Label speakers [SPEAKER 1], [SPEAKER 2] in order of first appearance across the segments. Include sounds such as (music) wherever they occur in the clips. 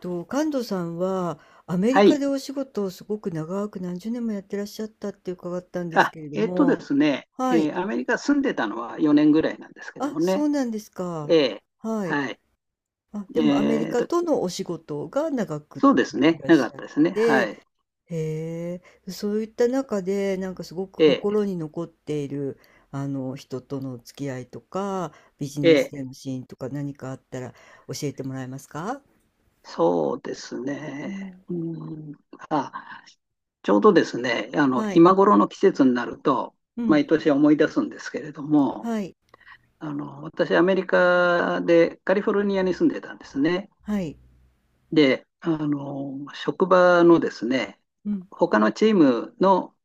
[SPEAKER 1] と、神門さんはアメリ
[SPEAKER 2] は
[SPEAKER 1] カ
[SPEAKER 2] い。
[SPEAKER 1] でお仕事をすごく長く何十年もやってらっしゃったって伺ったんです
[SPEAKER 2] あ、
[SPEAKER 1] けれど
[SPEAKER 2] えっと
[SPEAKER 1] も、
[SPEAKER 2] ですね、
[SPEAKER 1] は
[SPEAKER 2] え
[SPEAKER 1] い。
[SPEAKER 2] ーアメリカ住んでたのは4年ぐらいなんですけど
[SPEAKER 1] あ、
[SPEAKER 2] も
[SPEAKER 1] そ
[SPEAKER 2] ね。
[SPEAKER 1] うなんですか。
[SPEAKER 2] ええ、
[SPEAKER 1] はい。
[SPEAKER 2] はい。
[SPEAKER 1] あ、でもアメリ
[SPEAKER 2] えっ
[SPEAKER 1] カ
[SPEAKER 2] と、
[SPEAKER 1] とのお仕事が長くっ
[SPEAKER 2] そうで
[SPEAKER 1] て
[SPEAKER 2] す
[SPEAKER 1] い
[SPEAKER 2] ね。
[SPEAKER 1] らっ
[SPEAKER 2] なか
[SPEAKER 1] し
[SPEAKER 2] っ
[SPEAKER 1] ゃ
[SPEAKER 2] た
[SPEAKER 1] る。
[SPEAKER 2] ですね。はい。
[SPEAKER 1] へえ、そういった中で、なんかすごく
[SPEAKER 2] え
[SPEAKER 1] 心
[SPEAKER 2] え、
[SPEAKER 1] に残っている、あの、人との付き合いとか、ビジネス
[SPEAKER 2] ええ、
[SPEAKER 1] でのシーンとか何かあったら教えてもらえますか。
[SPEAKER 2] そうです
[SPEAKER 1] う
[SPEAKER 2] ね。
[SPEAKER 1] ん。
[SPEAKER 2] うん。あ、ちょうどですね、
[SPEAKER 1] はい。
[SPEAKER 2] 今頃の季節になると、
[SPEAKER 1] うん。
[SPEAKER 2] 毎年思い出すんですけれども、
[SPEAKER 1] はい。
[SPEAKER 2] 私、アメリカでカリフォルニアに住んでたんですね。
[SPEAKER 1] はい。
[SPEAKER 2] で、職場のですね、
[SPEAKER 1] うん。
[SPEAKER 2] 他のチームの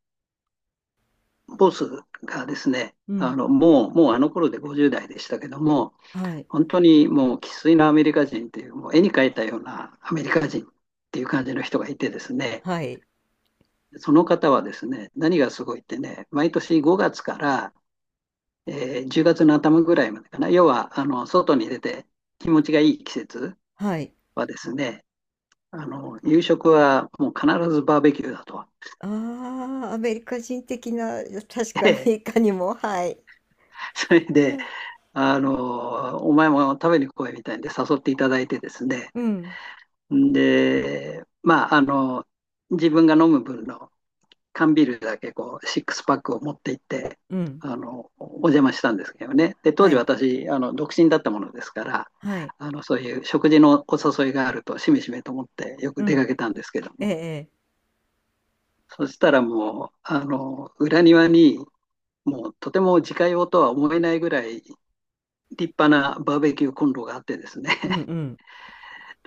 [SPEAKER 2] ボスがですね、
[SPEAKER 1] う
[SPEAKER 2] あ
[SPEAKER 1] ん。
[SPEAKER 2] の、もう、もうあの頃で50代でしたけども、
[SPEAKER 1] はい。
[SPEAKER 2] 本当にもう生粋のアメリカ人っていう、もう絵に描いたようなアメリカ人っていう感じの人がいてですね、
[SPEAKER 1] はい。
[SPEAKER 2] その方はですね、何がすごいってね、毎年5月から、10月の頭ぐらいまでかな、要はあの外に出て気持ちがいい季節
[SPEAKER 1] はい。
[SPEAKER 2] はですね、あの夕食はもう必ずバーベキューだと。
[SPEAKER 1] ああ、アメリカ人的な、(laughs) 確かにいかにも、はい。
[SPEAKER 2] (laughs) それ
[SPEAKER 1] う
[SPEAKER 2] で
[SPEAKER 1] ん。
[SPEAKER 2] お前も食べに来いみたいんで誘っていただいてですね。
[SPEAKER 1] うん、
[SPEAKER 2] で、自分が飲む分の缶ビールだけこう、シックスパックを持って行って、
[SPEAKER 1] うん、
[SPEAKER 2] お邪魔したんですけどね。で、当
[SPEAKER 1] は
[SPEAKER 2] 時
[SPEAKER 1] い、
[SPEAKER 2] 私、独身だったものですから、
[SPEAKER 1] はい、
[SPEAKER 2] そういう食事のお誘いがあると、しめしめと思ってよ
[SPEAKER 1] う
[SPEAKER 2] く出
[SPEAKER 1] ん、
[SPEAKER 2] かけたんですけど
[SPEAKER 1] ええ、
[SPEAKER 2] も、
[SPEAKER 1] ええ、
[SPEAKER 2] そしたらもう、裏庭に、もうとても自家用とは思えないぐらい立派なバーベキューコンロがあってですね、
[SPEAKER 1] うんうん。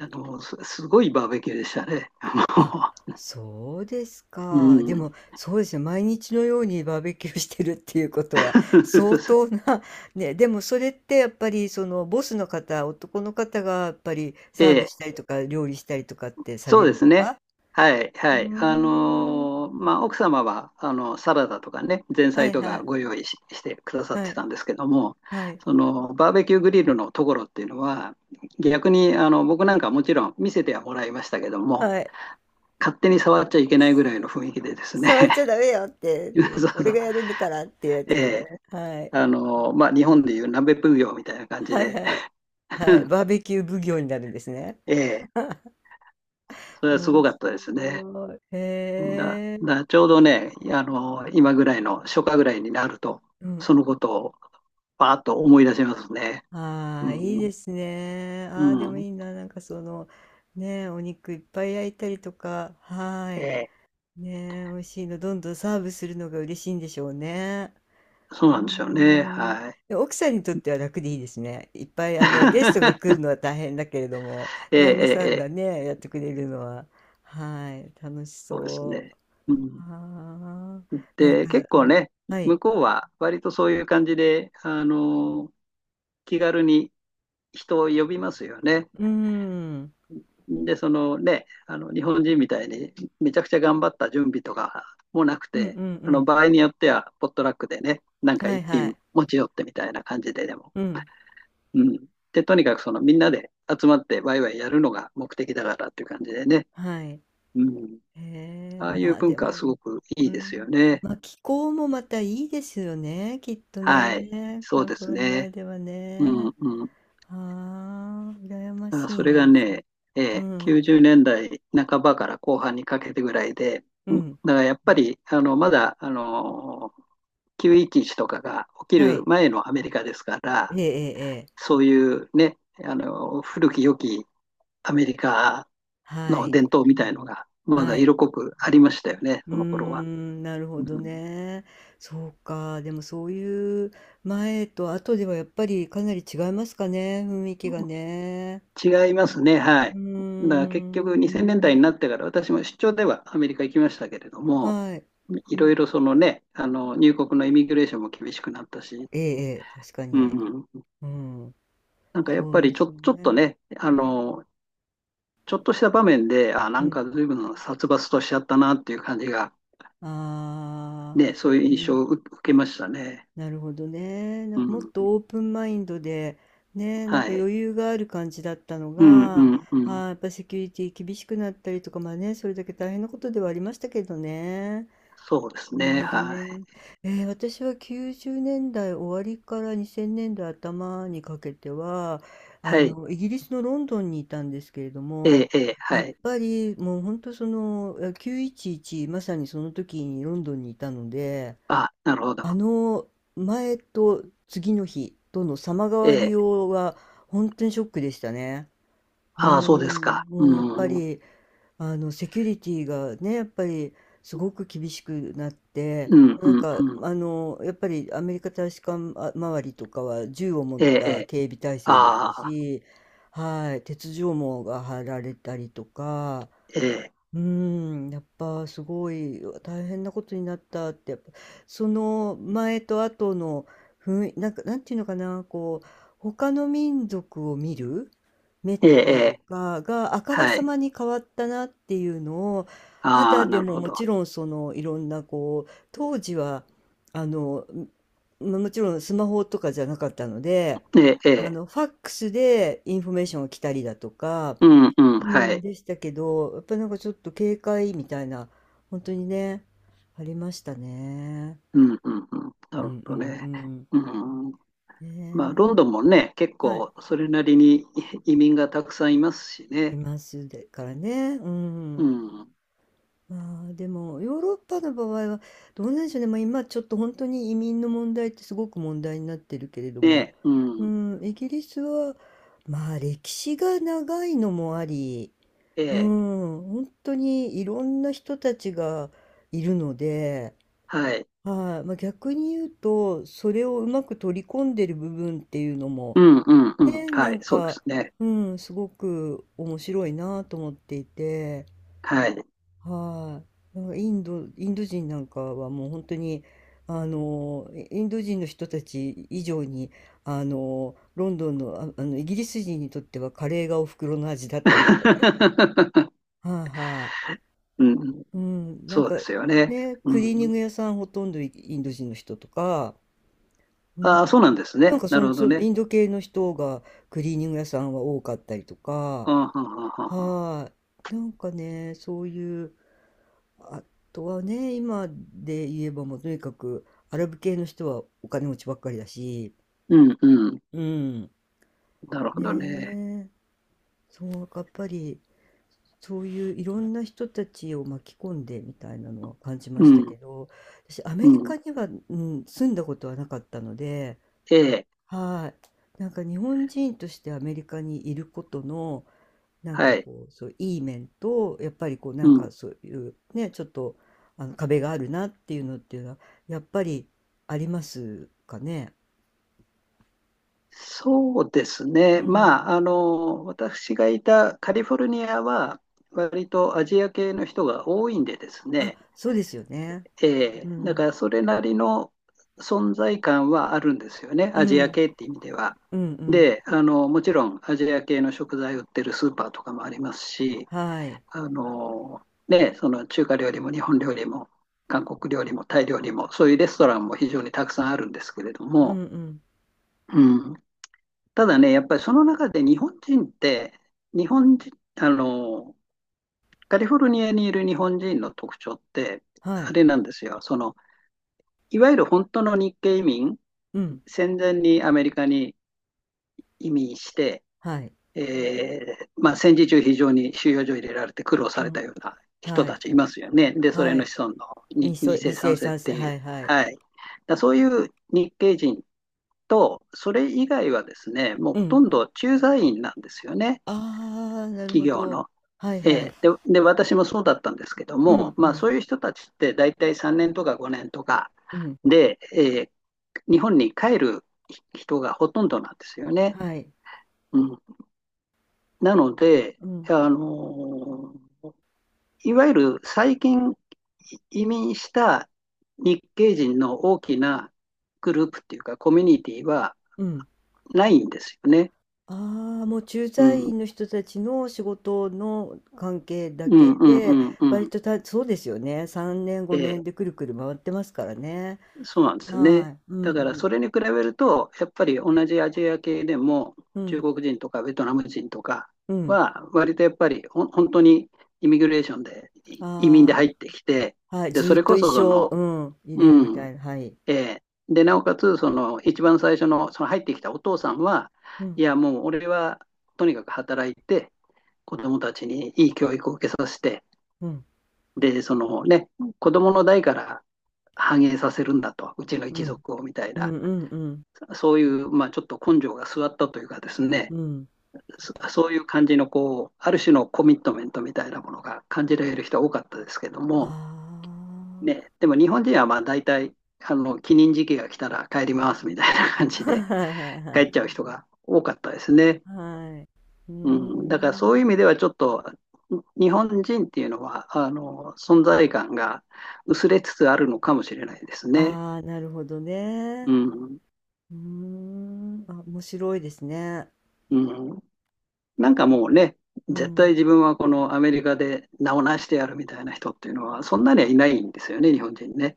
[SPEAKER 2] あのごいバーベキューでしたね。
[SPEAKER 1] あ、そうです
[SPEAKER 2] (laughs) う、
[SPEAKER 1] か。で
[SPEAKER 2] うん、
[SPEAKER 1] も、そうですね、毎日のようにバーベキューしてるっていうことは、相当
[SPEAKER 2] (laughs)
[SPEAKER 1] な、ね、でもそれってやっぱり、その、ボスの方、男の方がやっぱり
[SPEAKER 2] え
[SPEAKER 1] サーブ
[SPEAKER 2] え、
[SPEAKER 1] したりとか、料理したりとかってさ
[SPEAKER 2] そ
[SPEAKER 1] れ
[SPEAKER 2] う
[SPEAKER 1] る
[SPEAKER 2] で
[SPEAKER 1] の
[SPEAKER 2] すね。
[SPEAKER 1] か。
[SPEAKER 2] はい、
[SPEAKER 1] うー
[SPEAKER 2] はい。
[SPEAKER 1] ん、
[SPEAKER 2] まあ、奥様はあのサラダとかね、前
[SPEAKER 1] は
[SPEAKER 2] 菜
[SPEAKER 1] い
[SPEAKER 2] と
[SPEAKER 1] は
[SPEAKER 2] か
[SPEAKER 1] い、
[SPEAKER 2] ご用意し、してくださっ
[SPEAKER 1] は
[SPEAKER 2] て
[SPEAKER 1] い、
[SPEAKER 2] たんですけども、
[SPEAKER 1] はい。
[SPEAKER 2] そのバーベキューグリルのところっていうのは、逆にあの僕なんかもちろん見せてはもらいましたけども、
[SPEAKER 1] はい。
[SPEAKER 2] 勝手に触っちゃいけないぐらいの雰囲気でですね、
[SPEAKER 1] 触っちゃダメよっ
[SPEAKER 2] (laughs)
[SPEAKER 1] て、
[SPEAKER 2] そうそ
[SPEAKER 1] 俺
[SPEAKER 2] う、
[SPEAKER 1] がやるんだからっていうや
[SPEAKER 2] え
[SPEAKER 1] つでね。
[SPEAKER 2] え、
[SPEAKER 1] はい。
[SPEAKER 2] まあ、日本でいう鍋奉行みたいな感じ
[SPEAKER 1] はい
[SPEAKER 2] で、
[SPEAKER 1] はい。はい。
[SPEAKER 2] (laughs)
[SPEAKER 1] バーベキュー奉行になるんですね。
[SPEAKER 2] ええ、それはすご
[SPEAKER 1] 面
[SPEAKER 2] かったですね。
[SPEAKER 1] 白い。へえ。
[SPEAKER 2] ちょうどね、今ぐらいの初夏ぐらいになると、
[SPEAKER 1] うん。
[SPEAKER 2] そのことをパーッと思い出しますね。
[SPEAKER 1] あ
[SPEAKER 2] う
[SPEAKER 1] あ、いい
[SPEAKER 2] ん、
[SPEAKER 1] ですね。
[SPEAKER 2] う
[SPEAKER 1] ああ、でもい
[SPEAKER 2] ん、
[SPEAKER 1] いな。なんかその、ねえ、お肉いっぱい焼いたりとか、は
[SPEAKER 2] え
[SPEAKER 1] い。
[SPEAKER 2] え、
[SPEAKER 1] ねえ、美味しいの、どんどんサーブするのが嬉しいんでしょうね。
[SPEAKER 2] そう
[SPEAKER 1] う
[SPEAKER 2] な
[SPEAKER 1] ー
[SPEAKER 2] んでしょうね。
[SPEAKER 1] ん。
[SPEAKER 2] はい。
[SPEAKER 1] でも奥さんにとっては楽でいいですね。いっぱいあのゲストが来る
[SPEAKER 2] (laughs)
[SPEAKER 1] のは大変だけれども、
[SPEAKER 2] ええ、
[SPEAKER 1] 旦那
[SPEAKER 2] え
[SPEAKER 1] さ
[SPEAKER 2] え、
[SPEAKER 1] ん
[SPEAKER 2] え
[SPEAKER 1] が
[SPEAKER 2] え、
[SPEAKER 1] ね、やってくれるのは、はい、楽し
[SPEAKER 2] そうです
[SPEAKER 1] そう。
[SPEAKER 2] ね。うん、
[SPEAKER 1] はあ、なん
[SPEAKER 2] で、
[SPEAKER 1] か、
[SPEAKER 2] 結
[SPEAKER 1] う
[SPEAKER 2] 構
[SPEAKER 1] ん、
[SPEAKER 2] ね、
[SPEAKER 1] はい。
[SPEAKER 2] 向こうは割とそういう感じで、気軽に人を呼びますよね。
[SPEAKER 1] うーん。うん
[SPEAKER 2] で、そのね、あの日本人みたいにめちゃくちゃ頑張った準備とかもなく
[SPEAKER 1] うん
[SPEAKER 2] て、あの
[SPEAKER 1] う
[SPEAKER 2] 場合によってはポットラックでね、なん
[SPEAKER 1] ん。
[SPEAKER 2] か
[SPEAKER 1] はい
[SPEAKER 2] 一
[SPEAKER 1] は
[SPEAKER 2] 品
[SPEAKER 1] い。
[SPEAKER 2] 持ち寄ってみたいな感じででも。
[SPEAKER 1] うん。
[SPEAKER 2] うん。で、とにかくそのみんなで集まってワイワイやるのが目的だからっていう感じでね。
[SPEAKER 1] はい。
[SPEAKER 2] うん。
[SPEAKER 1] へえ、
[SPEAKER 2] ああい
[SPEAKER 1] ま
[SPEAKER 2] う
[SPEAKER 1] あ
[SPEAKER 2] 文
[SPEAKER 1] で
[SPEAKER 2] 化は
[SPEAKER 1] も、
[SPEAKER 2] すごくい
[SPEAKER 1] う
[SPEAKER 2] いですよ
[SPEAKER 1] ん。
[SPEAKER 2] ね。
[SPEAKER 1] まあ気候もまたいいですよね、きっと
[SPEAKER 2] はい、
[SPEAKER 1] ね。カ
[SPEAKER 2] そう
[SPEAKER 1] リ
[SPEAKER 2] で
[SPEAKER 1] フォ
[SPEAKER 2] す
[SPEAKER 1] ルニア
[SPEAKER 2] ね。
[SPEAKER 1] では
[SPEAKER 2] う
[SPEAKER 1] ね。
[SPEAKER 2] ん、うん。
[SPEAKER 1] はあ、羨ま
[SPEAKER 2] だから
[SPEAKER 1] しい
[SPEAKER 2] それが
[SPEAKER 1] な。
[SPEAKER 2] ね、
[SPEAKER 1] うん、
[SPEAKER 2] 90年代半ばから後半にかけてぐらいで、
[SPEAKER 1] う
[SPEAKER 2] だ
[SPEAKER 1] ん、
[SPEAKER 2] からやっぱり、まだ911とかが起き
[SPEAKER 1] は
[SPEAKER 2] る
[SPEAKER 1] い。
[SPEAKER 2] 前のアメリカですか
[SPEAKER 1] え
[SPEAKER 2] ら、
[SPEAKER 1] えええええ。
[SPEAKER 2] そういうね、あの古き良きアメリカ
[SPEAKER 1] は
[SPEAKER 2] の
[SPEAKER 1] い、
[SPEAKER 2] 伝統みたいのが、ま
[SPEAKER 1] は
[SPEAKER 2] だ
[SPEAKER 1] い。
[SPEAKER 2] 色濃くありましたよね、
[SPEAKER 1] うー
[SPEAKER 2] その頃は。
[SPEAKER 1] ん、なるほ
[SPEAKER 2] う
[SPEAKER 1] ど
[SPEAKER 2] ん、
[SPEAKER 1] ね。そうか、でもそういう前と後ではやっぱりかなり違いますかね、雰囲気がね。
[SPEAKER 2] 違いますね、は
[SPEAKER 1] う
[SPEAKER 2] い。
[SPEAKER 1] ー
[SPEAKER 2] だから結
[SPEAKER 1] ん、
[SPEAKER 2] 局、2000年代になってから、私も出張ではアメリカ行きましたけれども、
[SPEAKER 1] はい。
[SPEAKER 2] いろいろそのね、あの入国のイミグレーションも厳しくなったし、
[SPEAKER 1] ええええ、確か
[SPEAKER 2] う
[SPEAKER 1] に。
[SPEAKER 2] ん、うん、
[SPEAKER 1] うん、
[SPEAKER 2] なんかやっ
[SPEAKER 1] そ
[SPEAKER 2] ぱ
[SPEAKER 1] う
[SPEAKER 2] り
[SPEAKER 1] です
[SPEAKER 2] ちょっと
[SPEAKER 1] ね。
[SPEAKER 2] ね、あのちょっとした場面で、あ、な
[SPEAKER 1] う
[SPEAKER 2] ん
[SPEAKER 1] ん。
[SPEAKER 2] か随分殺伐としちゃったなっていう感じが、
[SPEAKER 1] ああ、
[SPEAKER 2] ね、そういう
[SPEAKER 1] う
[SPEAKER 2] 印象
[SPEAKER 1] ん。
[SPEAKER 2] を受けましたね。
[SPEAKER 1] なるほどね。な
[SPEAKER 2] う
[SPEAKER 1] んかもっ
[SPEAKER 2] ん。
[SPEAKER 1] とオープンマインドで、ね、なん
[SPEAKER 2] は
[SPEAKER 1] か
[SPEAKER 2] い。
[SPEAKER 1] 余裕がある感じだったの
[SPEAKER 2] うん、う
[SPEAKER 1] が、
[SPEAKER 2] ん、うん。
[SPEAKER 1] あ、やっぱセキュリティ厳しくなったりとか、まあね、それだけ大変なことではありましたけどね。
[SPEAKER 2] そうです
[SPEAKER 1] なる
[SPEAKER 2] ね。
[SPEAKER 1] ほど
[SPEAKER 2] はい。
[SPEAKER 1] ね。私は90年代終わりから2000年代頭にかけては、あ
[SPEAKER 2] はい。
[SPEAKER 1] の、イギリスのロンドンにいたんですけれど
[SPEAKER 2] え
[SPEAKER 1] も、
[SPEAKER 2] え、ええ、
[SPEAKER 1] や
[SPEAKER 2] は
[SPEAKER 1] っ
[SPEAKER 2] い。
[SPEAKER 1] ぱりもう本当その、え911、まさにその時にロンドンにいたので、
[SPEAKER 2] あ、なるほ
[SPEAKER 1] あ
[SPEAKER 2] ど。
[SPEAKER 1] の前と次の日との様変
[SPEAKER 2] え
[SPEAKER 1] わり
[SPEAKER 2] え。
[SPEAKER 1] ようは本当にショックでしたね。うー
[SPEAKER 2] ああ、そうですか。
[SPEAKER 1] ん、
[SPEAKER 2] う
[SPEAKER 1] もうやっぱ
[SPEAKER 2] ん。うん、
[SPEAKER 1] りあのセキュリティがね、やっぱりすごく厳しくなって、
[SPEAKER 2] うん、
[SPEAKER 1] なん
[SPEAKER 2] うん。
[SPEAKER 1] かあのやっぱりアメリカ大使館あ周りとかは銃を持っ
[SPEAKER 2] ええ、え
[SPEAKER 1] た
[SPEAKER 2] え。
[SPEAKER 1] 警備体制でした
[SPEAKER 2] ああ、
[SPEAKER 1] し、はい、鉄条網が張られたりとか、
[SPEAKER 2] ええ、
[SPEAKER 1] うーん、やっぱすごい、うわ大変なことになったって、やっぱその前と後の雰囲なんか、なんていうのかな、こう、他の民族を見る目っ
[SPEAKER 2] ええ、え
[SPEAKER 1] ていう
[SPEAKER 2] え。
[SPEAKER 1] か、があから
[SPEAKER 2] は
[SPEAKER 1] さ
[SPEAKER 2] い。
[SPEAKER 1] まに変わったなっていうのを、
[SPEAKER 2] あ
[SPEAKER 1] 肌
[SPEAKER 2] あ、
[SPEAKER 1] で
[SPEAKER 2] なる
[SPEAKER 1] も
[SPEAKER 2] ほ
[SPEAKER 1] も
[SPEAKER 2] ど。
[SPEAKER 1] ちろんそのいろんなこう、当時は、あの、まもちろんスマホとかじゃなかったので、
[SPEAKER 2] ええ、え
[SPEAKER 1] あ
[SPEAKER 2] え。
[SPEAKER 1] の、ファックスでインフォメーションが来たりだとか、
[SPEAKER 2] うん、うん、
[SPEAKER 1] う
[SPEAKER 2] は
[SPEAKER 1] ん、
[SPEAKER 2] い。
[SPEAKER 1] でしたけど、やっぱりなんかちょっと警戒みたいな、本当にね、ありましたね。
[SPEAKER 2] うん、うん、うん。な
[SPEAKER 1] う
[SPEAKER 2] るほ
[SPEAKER 1] んうんう
[SPEAKER 2] どね。
[SPEAKER 1] ん。
[SPEAKER 2] うん。まあ、ロンド
[SPEAKER 1] ね
[SPEAKER 2] ンもね、結
[SPEAKER 1] え、はい、
[SPEAKER 2] 構それなりに移民がたくさんいますし
[SPEAKER 1] い
[SPEAKER 2] ね。
[SPEAKER 1] ますでからね、う
[SPEAKER 2] う
[SPEAKER 1] ん。
[SPEAKER 2] ん。
[SPEAKER 1] まあでもヨーロッパの場合はどうなんでしょうね、まあ、今ちょっと本当に移民の問題ってすごく問題になってるけれども、
[SPEAKER 2] ね、う
[SPEAKER 1] う
[SPEAKER 2] ん。
[SPEAKER 1] ん、イギリスはまあ歴史が長いのもあり、
[SPEAKER 2] え
[SPEAKER 1] うん、
[SPEAKER 2] え、
[SPEAKER 1] 本当にいろんな人たちがいるので、
[SPEAKER 2] はい。
[SPEAKER 1] はい、まあ、逆に言うと、それをうまく取り込んでる部分っていうのも、
[SPEAKER 2] うん、うん、うん。
[SPEAKER 1] ね、な
[SPEAKER 2] はい、
[SPEAKER 1] ん
[SPEAKER 2] そうで
[SPEAKER 1] か、
[SPEAKER 2] すね。
[SPEAKER 1] うん、すごく面白いなと思っていて、
[SPEAKER 2] はい。
[SPEAKER 1] はい。なんかインドインド人なんかはもう本当に、あの、インド人の人たち以上に、あの、ロンドンの、ああの、イギリス人にとってはカレーがお袋の味だったりとかね。
[SPEAKER 2] (laughs)
[SPEAKER 1] はいは
[SPEAKER 2] うん、
[SPEAKER 1] い。うん、なん
[SPEAKER 2] そうで
[SPEAKER 1] か、
[SPEAKER 2] すよね。
[SPEAKER 1] ね、
[SPEAKER 2] う
[SPEAKER 1] クリーニ
[SPEAKER 2] ん。
[SPEAKER 1] ング屋さんほとんどイインド人の人とか、う
[SPEAKER 2] あ
[SPEAKER 1] ん、
[SPEAKER 2] あ、そうなんです
[SPEAKER 1] なん
[SPEAKER 2] ね。
[SPEAKER 1] か
[SPEAKER 2] な
[SPEAKER 1] そ
[SPEAKER 2] る
[SPEAKER 1] ん、
[SPEAKER 2] ほど
[SPEAKER 1] その
[SPEAKER 2] ね。
[SPEAKER 1] インド系の人がクリーニング屋さんは多かったりと
[SPEAKER 2] あ
[SPEAKER 1] か、
[SPEAKER 2] あ、はあ、はあ、はあ。
[SPEAKER 1] はい。なんかね、そういう、あとはね、今で言えばもうとにかくアラブ系の人はお金持ちばっかりだし、
[SPEAKER 2] うん、うん。
[SPEAKER 1] うん。
[SPEAKER 2] なるほどね。
[SPEAKER 1] ねえ、そう、やっぱりそういういろんな人たちを巻き込んでみたいなのは感じま
[SPEAKER 2] う
[SPEAKER 1] した
[SPEAKER 2] ん、
[SPEAKER 1] けど、私ア
[SPEAKER 2] う
[SPEAKER 1] メリ
[SPEAKER 2] ん。
[SPEAKER 1] カには、うん、住んだことはなかったので、
[SPEAKER 2] ええ、
[SPEAKER 1] はい。なんか日本人としてアメリカにいることの、なん
[SPEAKER 2] は
[SPEAKER 1] か
[SPEAKER 2] い。
[SPEAKER 1] こう、そう、いい面と、やっぱりこう、な
[SPEAKER 2] う
[SPEAKER 1] ん
[SPEAKER 2] ん、
[SPEAKER 1] かそういうね、ちょっと、あの、壁があるなっていうのっていうのは、やっぱりありますかね。
[SPEAKER 2] そうです
[SPEAKER 1] う
[SPEAKER 2] ね。
[SPEAKER 1] ん。
[SPEAKER 2] まあ、私がいたカリフォルニアは、割とアジア系の人が多いんでです
[SPEAKER 1] あ、
[SPEAKER 2] ね、
[SPEAKER 1] そうですよね。う
[SPEAKER 2] だか
[SPEAKER 1] ん。
[SPEAKER 2] らそれなりの存在感はあるんですよね、
[SPEAKER 1] う
[SPEAKER 2] アジ
[SPEAKER 1] ん。
[SPEAKER 2] ア系って意味では。
[SPEAKER 1] うんうん。
[SPEAKER 2] で、もちろんアジア系の食材売ってるスーパーとかもありますし、
[SPEAKER 1] はい。
[SPEAKER 2] あの、ね、その中華料理も日本料理も韓国料理もタイ料理も、そういうレストランも非常にたくさんあるんですけれど
[SPEAKER 1] うん
[SPEAKER 2] も、
[SPEAKER 1] うん。
[SPEAKER 2] うん、ただね、やっぱりその中で日本人って、日本人、あの、カリフォルニアにいる日本人の特徴って、
[SPEAKER 1] は
[SPEAKER 2] あ
[SPEAKER 1] い。
[SPEAKER 2] れなんですよ。その、いわゆる本当の日系移民、
[SPEAKER 1] うん。
[SPEAKER 2] 戦前にアメリカに移民して、
[SPEAKER 1] はい。
[SPEAKER 2] えまあ、戦時中非常に収容所入れられて苦労
[SPEAKER 1] う
[SPEAKER 2] された
[SPEAKER 1] ん。
[SPEAKER 2] ような人
[SPEAKER 1] は
[SPEAKER 2] た
[SPEAKER 1] い。
[SPEAKER 2] ちいますよね。で、それ
[SPEAKER 1] は
[SPEAKER 2] の
[SPEAKER 1] い。
[SPEAKER 2] 子孫の
[SPEAKER 1] 二
[SPEAKER 2] に
[SPEAKER 1] 世、
[SPEAKER 2] 2
[SPEAKER 1] 二
[SPEAKER 2] 世、
[SPEAKER 1] 世、
[SPEAKER 2] 3世っ
[SPEAKER 1] 三世。
[SPEAKER 2] てい
[SPEAKER 1] は
[SPEAKER 2] う。
[SPEAKER 1] いはい。
[SPEAKER 2] はい。そういう日系人と、それ以外はですね、もう
[SPEAKER 1] う
[SPEAKER 2] ほと
[SPEAKER 1] ん。
[SPEAKER 2] んど駐在員なんですよね。
[SPEAKER 1] ああ、なるほ
[SPEAKER 2] 企業
[SPEAKER 1] ど。
[SPEAKER 2] の。
[SPEAKER 1] はい
[SPEAKER 2] え
[SPEAKER 1] はい。
[SPEAKER 2] え、で、私もそうだったんですけど
[SPEAKER 1] う
[SPEAKER 2] も、
[SPEAKER 1] ん
[SPEAKER 2] ま
[SPEAKER 1] う
[SPEAKER 2] あ、
[SPEAKER 1] ん。
[SPEAKER 2] そういう人たちって大体3年とか5年とか
[SPEAKER 1] うん、
[SPEAKER 2] で、ええ、日本に帰る人がほとんどなんですよね。
[SPEAKER 1] はい。
[SPEAKER 2] うん、なので、
[SPEAKER 1] うん、
[SPEAKER 2] あのいわゆる最近移民した日系人の大きなグループっていうかコミュニティは
[SPEAKER 1] うん。
[SPEAKER 2] ないんですよね。
[SPEAKER 1] ああ、もう駐
[SPEAKER 2] う
[SPEAKER 1] 在
[SPEAKER 2] ん、
[SPEAKER 1] 員の人たちの仕事の関係だ
[SPEAKER 2] うん、
[SPEAKER 1] け
[SPEAKER 2] うん、う
[SPEAKER 1] で、
[SPEAKER 2] ん、う
[SPEAKER 1] 割
[SPEAKER 2] ん。
[SPEAKER 1] とた、そうですよね。3年、5
[SPEAKER 2] え
[SPEAKER 1] 年で
[SPEAKER 2] え、
[SPEAKER 1] くるくる回ってますからね。
[SPEAKER 2] そうなんですね。
[SPEAKER 1] はい。うん
[SPEAKER 2] だから
[SPEAKER 1] うん。
[SPEAKER 2] それに比べると、やっぱり同じアジア系でも、
[SPEAKER 1] う
[SPEAKER 2] 中
[SPEAKER 1] ん。
[SPEAKER 2] 国人とかベトナム人とか
[SPEAKER 1] うん。
[SPEAKER 2] は、割とやっぱり本当にイミグレーションで、移民で
[SPEAKER 1] あ
[SPEAKER 2] 入ってきて、
[SPEAKER 1] あ、はい。
[SPEAKER 2] で、
[SPEAKER 1] ず
[SPEAKER 2] そ
[SPEAKER 1] ーっ
[SPEAKER 2] れ
[SPEAKER 1] と
[SPEAKER 2] こ
[SPEAKER 1] 一
[SPEAKER 2] そそ
[SPEAKER 1] 生、
[SPEAKER 2] の、
[SPEAKER 1] うん、い
[SPEAKER 2] う
[SPEAKER 1] るみ
[SPEAKER 2] ん、
[SPEAKER 1] たいな。はい。
[SPEAKER 2] えーで、なおかつ、その一番最初の、その入ってきたお父さんは、
[SPEAKER 1] う
[SPEAKER 2] い
[SPEAKER 1] ん。
[SPEAKER 2] や、もう俺はとにかく働いて、子供たちにいい教育を受けさせて、
[SPEAKER 1] うん。
[SPEAKER 2] で、そのね、子供の代から繁栄させるんだと、うちの
[SPEAKER 1] う
[SPEAKER 2] 一
[SPEAKER 1] ん。
[SPEAKER 2] 族をみたい
[SPEAKER 1] う
[SPEAKER 2] な。
[SPEAKER 1] んうんうん。
[SPEAKER 2] そういう、まあ、ちょっと根性が据わったというかですね、
[SPEAKER 1] うん。
[SPEAKER 2] そういう感じのこう、ある種のコミットメントみたいなものが感じられる人は多かったですけど
[SPEAKER 1] あ
[SPEAKER 2] も、ね、でも日本人はまあ大体あの帰任時期が来たら帰りますみたいな感
[SPEAKER 1] あ。(laughs)
[SPEAKER 2] じで
[SPEAKER 1] はいはい
[SPEAKER 2] 帰
[SPEAKER 1] は
[SPEAKER 2] っち
[SPEAKER 1] い。
[SPEAKER 2] ゃう人が多かったですね。
[SPEAKER 1] はい。うー
[SPEAKER 2] うん、だからそう
[SPEAKER 1] ん。
[SPEAKER 2] いう意味ではちょっと日本人っていうのはあの存在感が薄れつつあるのかもしれないですね。
[SPEAKER 1] ああ、なるほど
[SPEAKER 2] う
[SPEAKER 1] ね。
[SPEAKER 2] ん、
[SPEAKER 1] うーん、あ、面白いですね。
[SPEAKER 2] うん、なんかもうね、
[SPEAKER 1] う
[SPEAKER 2] 絶対
[SPEAKER 1] ん。
[SPEAKER 2] 自分はこのアメリカで名を成してやるみたいな人っていうのは、そんなにはいないんですよね、日本人ね。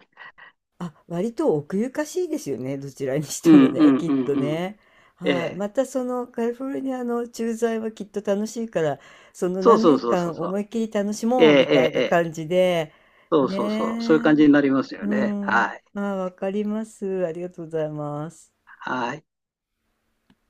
[SPEAKER 1] あ、割と奥ゆかしいですよね。どちらにし
[SPEAKER 2] う
[SPEAKER 1] て
[SPEAKER 2] ん、
[SPEAKER 1] も
[SPEAKER 2] う
[SPEAKER 1] ね、
[SPEAKER 2] ん、
[SPEAKER 1] きっ
[SPEAKER 2] う
[SPEAKER 1] と
[SPEAKER 2] ん、うん。
[SPEAKER 1] ね。
[SPEAKER 2] え
[SPEAKER 1] はい。ま
[SPEAKER 2] え。
[SPEAKER 1] たそのカリフォルニアの駐在はきっと楽しいから、その
[SPEAKER 2] そう
[SPEAKER 1] 何
[SPEAKER 2] そう
[SPEAKER 1] 年
[SPEAKER 2] そうそう
[SPEAKER 1] 間
[SPEAKER 2] そ
[SPEAKER 1] 思
[SPEAKER 2] う。
[SPEAKER 1] いっきり楽し
[SPEAKER 2] ええ、え
[SPEAKER 1] もうみた
[SPEAKER 2] え、
[SPEAKER 1] い
[SPEAKER 2] え
[SPEAKER 1] な
[SPEAKER 2] え。
[SPEAKER 1] 感じで、
[SPEAKER 2] そうそうそう。そういう
[SPEAKER 1] ね
[SPEAKER 2] 感じになります
[SPEAKER 1] え。
[SPEAKER 2] よ
[SPEAKER 1] う
[SPEAKER 2] ね。は
[SPEAKER 1] ん。
[SPEAKER 2] い。
[SPEAKER 1] あ、わかります。ありがとうございます。
[SPEAKER 2] はい。